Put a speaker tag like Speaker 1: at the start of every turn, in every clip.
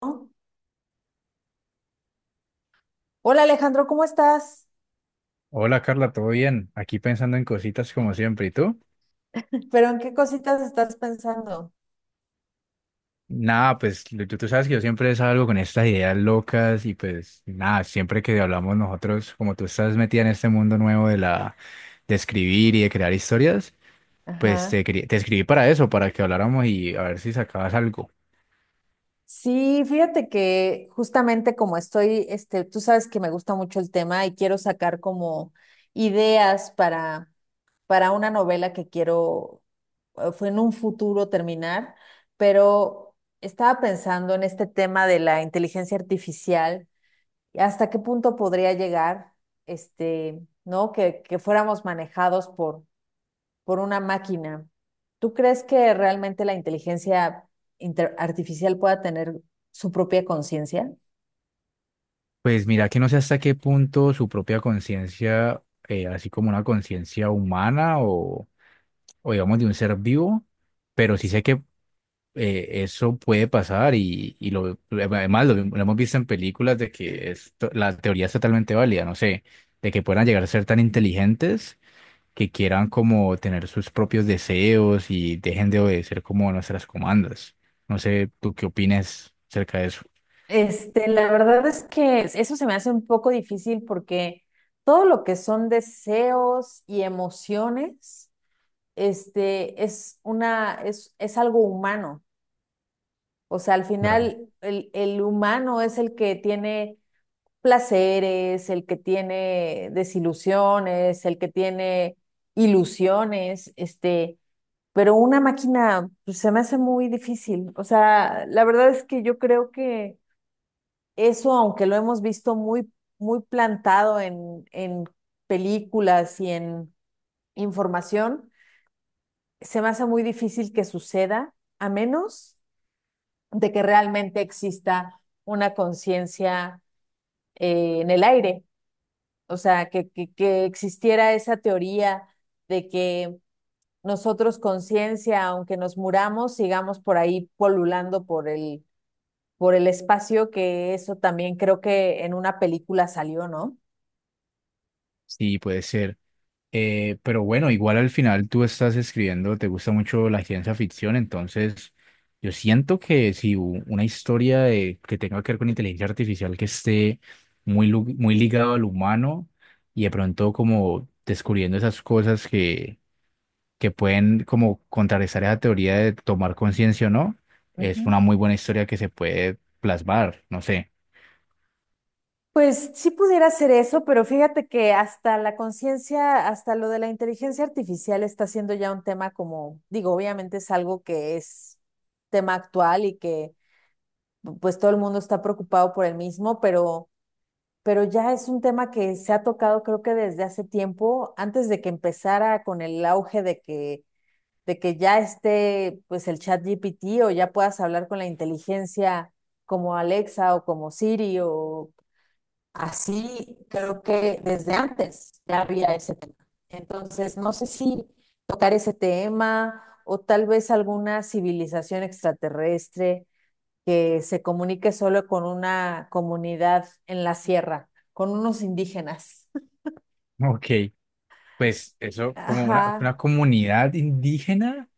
Speaker 1: ¿No? Hola Alejandro, ¿cómo estás?
Speaker 2: Hola Carla, ¿todo bien? Aquí pensando en cositas como siempre, ¿y tú?
Speaker 1: ¿Pero en qué cositas estás pensando?
Speaker 2: Nada, pues tú sabes que yo siempre salgo con estas ideas locas y pues nada, siempre que hablamos nosotros, como tú estás metida en este mundo nuevo de la de escribir y de crear historias, pues
Speaker 1: Ajá.
Speaker 2: te escribí para eso, para que habláramos y a ver si sacabas algo.
Speaker 1: Sí, fíjate que justamente como estoy, tú sabes que me gusta mucho el tema y quiero sacar como ideas para una novela que quiero fue en un futuro terminar, pero estaba pensando en este tema de la inteligencia artificial y hasta qué punto podría llegar, este, ¿no? Que fuéramos manejados por una máquina. ¿Tú crees que realmente la inteligencia artificial pueda tener su propia conciencia?
Speaker 2: Pues mira que no sé hasta qué punto su propia conciencia, así como una conciencia humana o digamos de un ser vivo, pero sí sé que eso puede pasar y además lo hemos visto en películas de que la teoría es totalmente válida, no sé, de que puedan llegar a ser tan inteligentes que quieran como tener sus propios deseos y dejen de obedecer como nuestras comandas. No sé, ¿tú qué opinas acerca de eso?
Speaker 1: Este, la verdad es que eso se me hace un poco difícil porque todo lo que son deseos y emociones, este, es una, es algo humano. O sea, al
Speaker 2: Claro.
Speaker 1: final el humano es el que tiene placeres, el que tiene desilusiones, el que tiene ilusiones, este, pero una máquina pues, se me hace muy difícil. O sea, la verdad es que yo creo que eso, aunque lo hemos visto muy, muy plantado en películas y en información, se me hace muy difícil que suceda, a menos de que realmente exista una conciencia en el aire. O sea, que, que existiera esa teoría de que nosotros conciencia, aunque nos muramos, sigamos por ahí polulando por el espacio, que eso también creo que en una película salió, ¿no?
Speaker 2: Sí, puede ser. Pero bueno, igual al final tú estás escribiendo, te gusta mucho la ciencia ficción, entonces yo siento que si una historia que tenga que ver con inteligencia artificial que esté muy ligado al humano y de pronto como descubriendo esas cosas que pueden como contrarrestar esa teoría de tomar conciencia o no,
Speaker 1: Ujú.
Speaker 2: es una muy buena historia que se puede plasmar, no sé.
Speaker 1: Pues sí pudiera ser eso, pero fíjate que hasta la conciencia, hasta lo de la inteligencia artificial está siendo ya un tema como, digo, obviamente es algo que es tema actual y que pues todo el mundo está preocupado por el mismo, pero ya es un tema que se ha tocado creo que desde hace tiempo, antes de que empezara con el auge de que ya esté pues el chat GPT o ya puedas hablar con la inteligencia como Alexa o como Siri o así, creo que desde antes ya había ese tema. Entonces, no sé si tocar ese tema o tal vez alguna civilización extraterrestre que se comunique solo con una comunidad en la sierra, con unos indígenas.
Speaker 2: Ok, pues eso como una
Speaker 1: Ajá,
Speaker 2: comunidad indígena.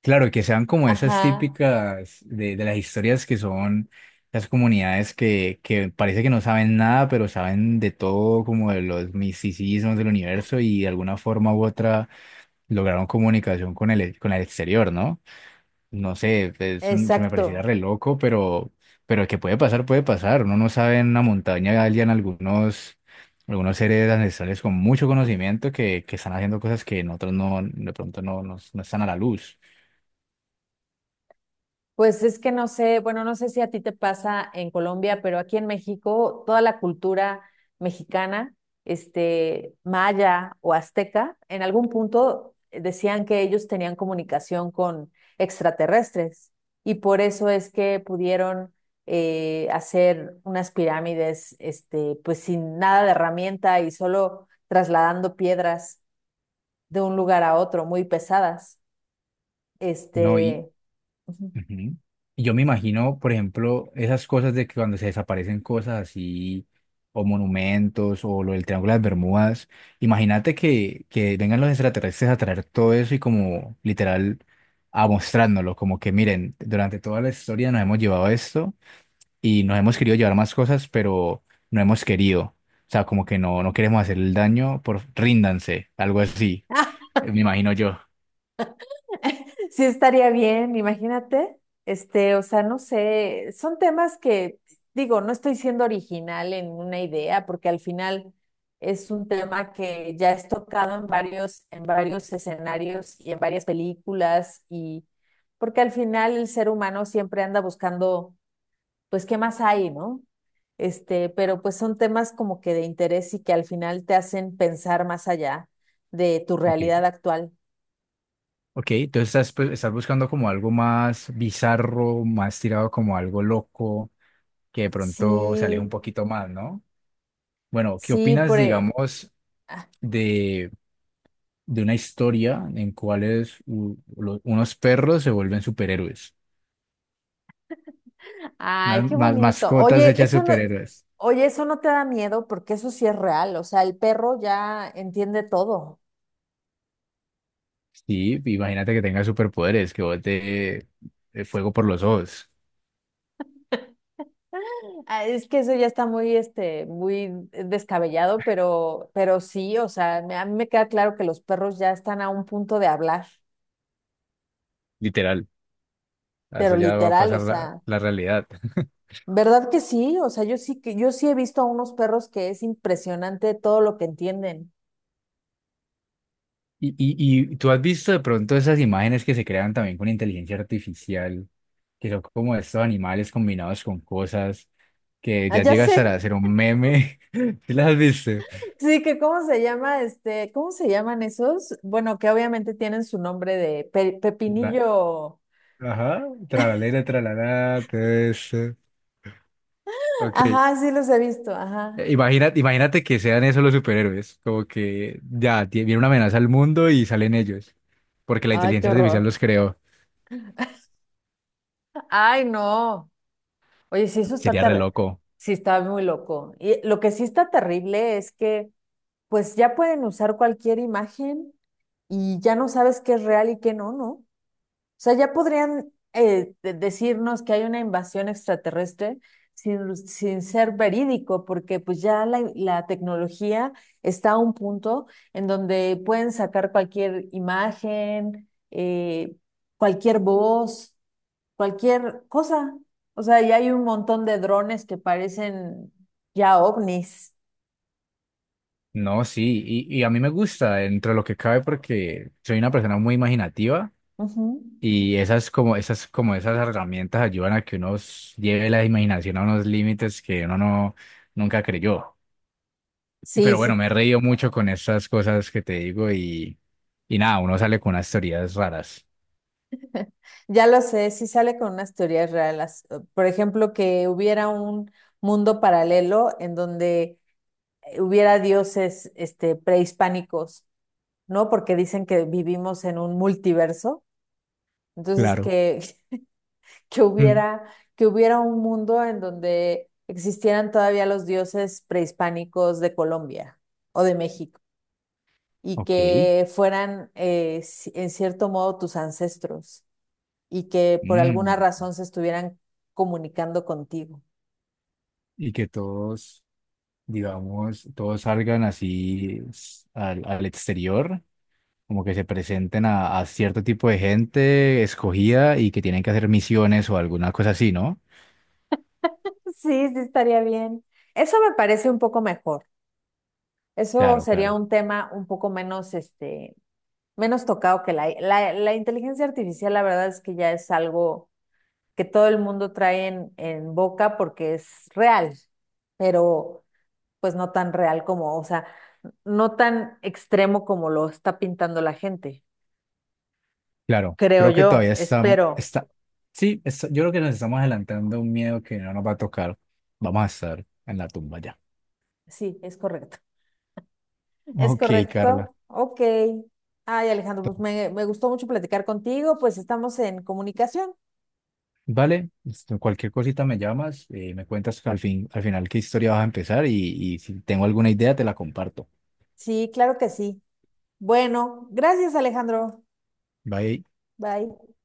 Speaker 2: Claro, y que sean como esas
Speaker 1: ajá,
Speaker 2: típicas de las historias que son las comunidades que parece que no saben nada, pero saben de todo, como de los misticismos del universo y de alguna forma u otra lograron comunicación con con el exterior, ¿no? No sé, se me pareciera
Speaker 1: exacto.
Speaker 2: re loco, pero que puede pasar, puede pasar. Uno no sabe en una montaña hallan algunos seres ancestrales con mucho conocimiento que están haciendo cosas que nosotros no, de pronto no, no están a la luz.
Speaker 1: Pues es que no sé, bueno, no sé si a ti te pasa en Colombia, pero aquí en México toda la cultura mexicana, este, maya o azteca, en algún punto decían que ellos tenían comunicación con extraterrestres y por eso es que pudieron hacer unas pirámides, este, pues sin nada de herramienta y solo trasladando piedras de un lugar a otro, muy pesadas.
Speaker 2: No, y,
Speaker 1: Este, ujú.
Speaker 2: ujú. Y yo me imagino, por ejemplo, esas cosas de que cuando se desaparecen cosas así, o monumentos, o lo del Triángulo de las Bermudas, imagínate que vengan los extraterrestres a traer todo eso y como literal a mostrárnoslo, como que miren, durante toda la historia nos hemos llevado esto y nos hemos querido llevar más cosas, pero no hemos querido. O sea, como que no queremos hacer el daño, por ríndanse, algo así, me imagino yo.
Speaker 1: Sí estaría bien, imagínate. Este, o sea, no sé, son temas que, digo, no estoy siendo original en una idea, porque al final es un tema que ya es tocado en varios escenarios y en varias películas, y porque al final el ser humano siempre anda buscando, pues, ¿qué más hay, no? Este, pero pues son temas como que de interés y que al final te hacen pensar más allá de tu
Speaker 2: Ok.
Speaker 1: realidad actual.
Speaker 2: Ok, entonces estás, pues, estás buscando como algo más bizarro, más tirado como algo loco, que de pronto se aleja
Speaker 1: Sí,
Speaker 2: un poquito más, ¿no? Bueno, ¿qué
Speaker 1: sí,
Speaker 2: opinas,
Speaker 1: por...
Speaker 2: digamos, de, de una historia en cuales unos perros se vuelven superhéroes?
Speaker 1: ay,
Speaker 2: Unas
Speaker 1: qué bonito.
Speaker 2: mascotas hechas superhéroes.
Speaker 1: Oye, eso no te da miedo porque eso sí es real. O sea, el perro ya entiende todo.
Speaker 2: Sí, imagínate que tengas superpoderes, que bote fuego por los ojos,
Speaker 1: Ah, es que eso ya está muy, este, muy descabellado, pero sí, o sea, a mí me queda claro que los perros ya están a un punto de hablar,
Speaker 2: literal. A
Speaker 1: pero
Speaker 2: eso ya va a
Speaker 1: literal, o
Speaker 2: pasar la,
Speaker 1: sea,
Speaker 2: la realidad.
Speaker 1: ¿verdad que sí? O sea, yo sí que, yo sí he visto a unos perros que es impresionante todo lo que entienden.
Speaker 2: Y, y tú has visto de pronto esas imágenes que se crean también con inteligencia artificial, que son como estos animales combinados con cosas, que
Speaker 1: Ah,
Speaker 2: ya
Speaker 1: ya
Speaker 2: llega hasta
Speaker 1: sé.
Speaker 2: hacer un meme. ¿Sí las has visto?
Speaker 1: Sí, que cómo se llama, este, ¿cómo se llaman esos? Bueno, que obviamente tienen su nombre de
Speaker 2: La-
Speaker 1: pepinillo.
Speaker 2: Ajá, tralalera, tralalá, todo eso. Ok,
Speaker 1: Ajá, sí los he visto, ajá.
Speaker 2: imagínate que sean esos los superhéroes, como que ya viene una amenaza al mundo y salen ellos, porque la
Speaker 1: Ay, qué
Speaker 2: inteligencia artificial
Speaker 1: horror.
Speaker 2: los creó.
Speaker 1: Ay, no. Oye, sí, eso está
Speaker 2: Sería re
Speaker 1: terrible.
Speaker 2: loco.
Speaker 1: Sí, está muy loco. Y lo que sí está terrible es que, pues ya pueden usar cualquier imagen y ya no sabes qué es real y qué no, ¿no? Sea, ya podrían decirnos que hay una invasión extraterrestre sin, sin ser verídico, porque pues ya la tecnología está a un punto en donde pueden sacar cualquier imagen, cualquier voz, cualquier cosa. O sea, ya hay un montón de drones que parecen ya ovnis.
Speaker 2: No, sí, y a mí me gusta dentro de lo que cabe porque soy una persona muy imaginativa
Speaker 1: Ujú.
Speaker 2: y esas herramientas ayudan a que uno lleve la imaginación a unos límites que uno nunca creyó. Y-
Speaker 1: Sí,
Speaker 2: Pero bueno,
Speaker 1: sí,
Speaker 2: me he reído mucho con estas cosas que te digo y nada, uno sale con unas teorías raras.
Speaker 1: ya lo sé, sí sale con unas teorías reales. Por ejemplo, que hubiera un mundo paralelo en donde hubiera dioses este, prehispánicos, ¿no? Porque dicen que vivimos en un multiverso. Entonces,
Speaker 2: Claro.
Speaker 1: que, que
Speaker 2: Mm,
Speaker 1: hubiera, que hubiera un mundo en donde existieran todavía los dioses prehispánicos de Colombia o de México y
Speaker 2: ok.
Speaker 1: que fueran, en cierto modo, tus ancestros. Y que por alguna
Speaker 2: Mm,
Speaker 1: razón se estuvieran comunicando contigo.
Speaker 2: y que todos, digamos, todos salgan así al exterior como que se presenten a cierto tipo de gente escogida y que tienen que hacer misiones o alguna cosa así, ¿no?
Speaker 1: Sí, sí estaría bien. Eso me parece un poco mejor. Eso
Speaker 2: Claro,
Speaker 1: sería
Speaker 2: claro,
Speaker 1: un tema un poco menos, este, menos tocado que la inteligencia artificial, la verdad es que ya es algo que todo el mundo trae en boca porque es real, pero pues no tan real como, o sea, no tan extremo como lo está pintando la gente,
Speaker 2: claro.
Speaker 1: creo
Speaker 2: Creo que
Speaker 1: yo,
Speaker 2: todavía está,
Speaker 1: espero.
Speaker 2: está, sí, está- yo creo que nos estamos adelantando a un miedo que no nos va a tocar. Vamos a estar en la tumba ya.
Speaker 1: Sí, es correcto. ¿Es
Speaker 2: Ok, Carla.
Speaker 1: correcto? Ok. Ay, Alejandro, pues me gustó mucho platicar contigo, pues estamos en comunicación.
Speaker 2: Vale, esto, cualquier cosita me llamas, me cuentas al fin, al final qué historia vas a empezar y si tengo alguna idea te la comparto.
Speaker 1: Sí, claro que sí. Bueno, gracias, Alejandro.
Speaker 2: Bye.
Speaker 1: Bye.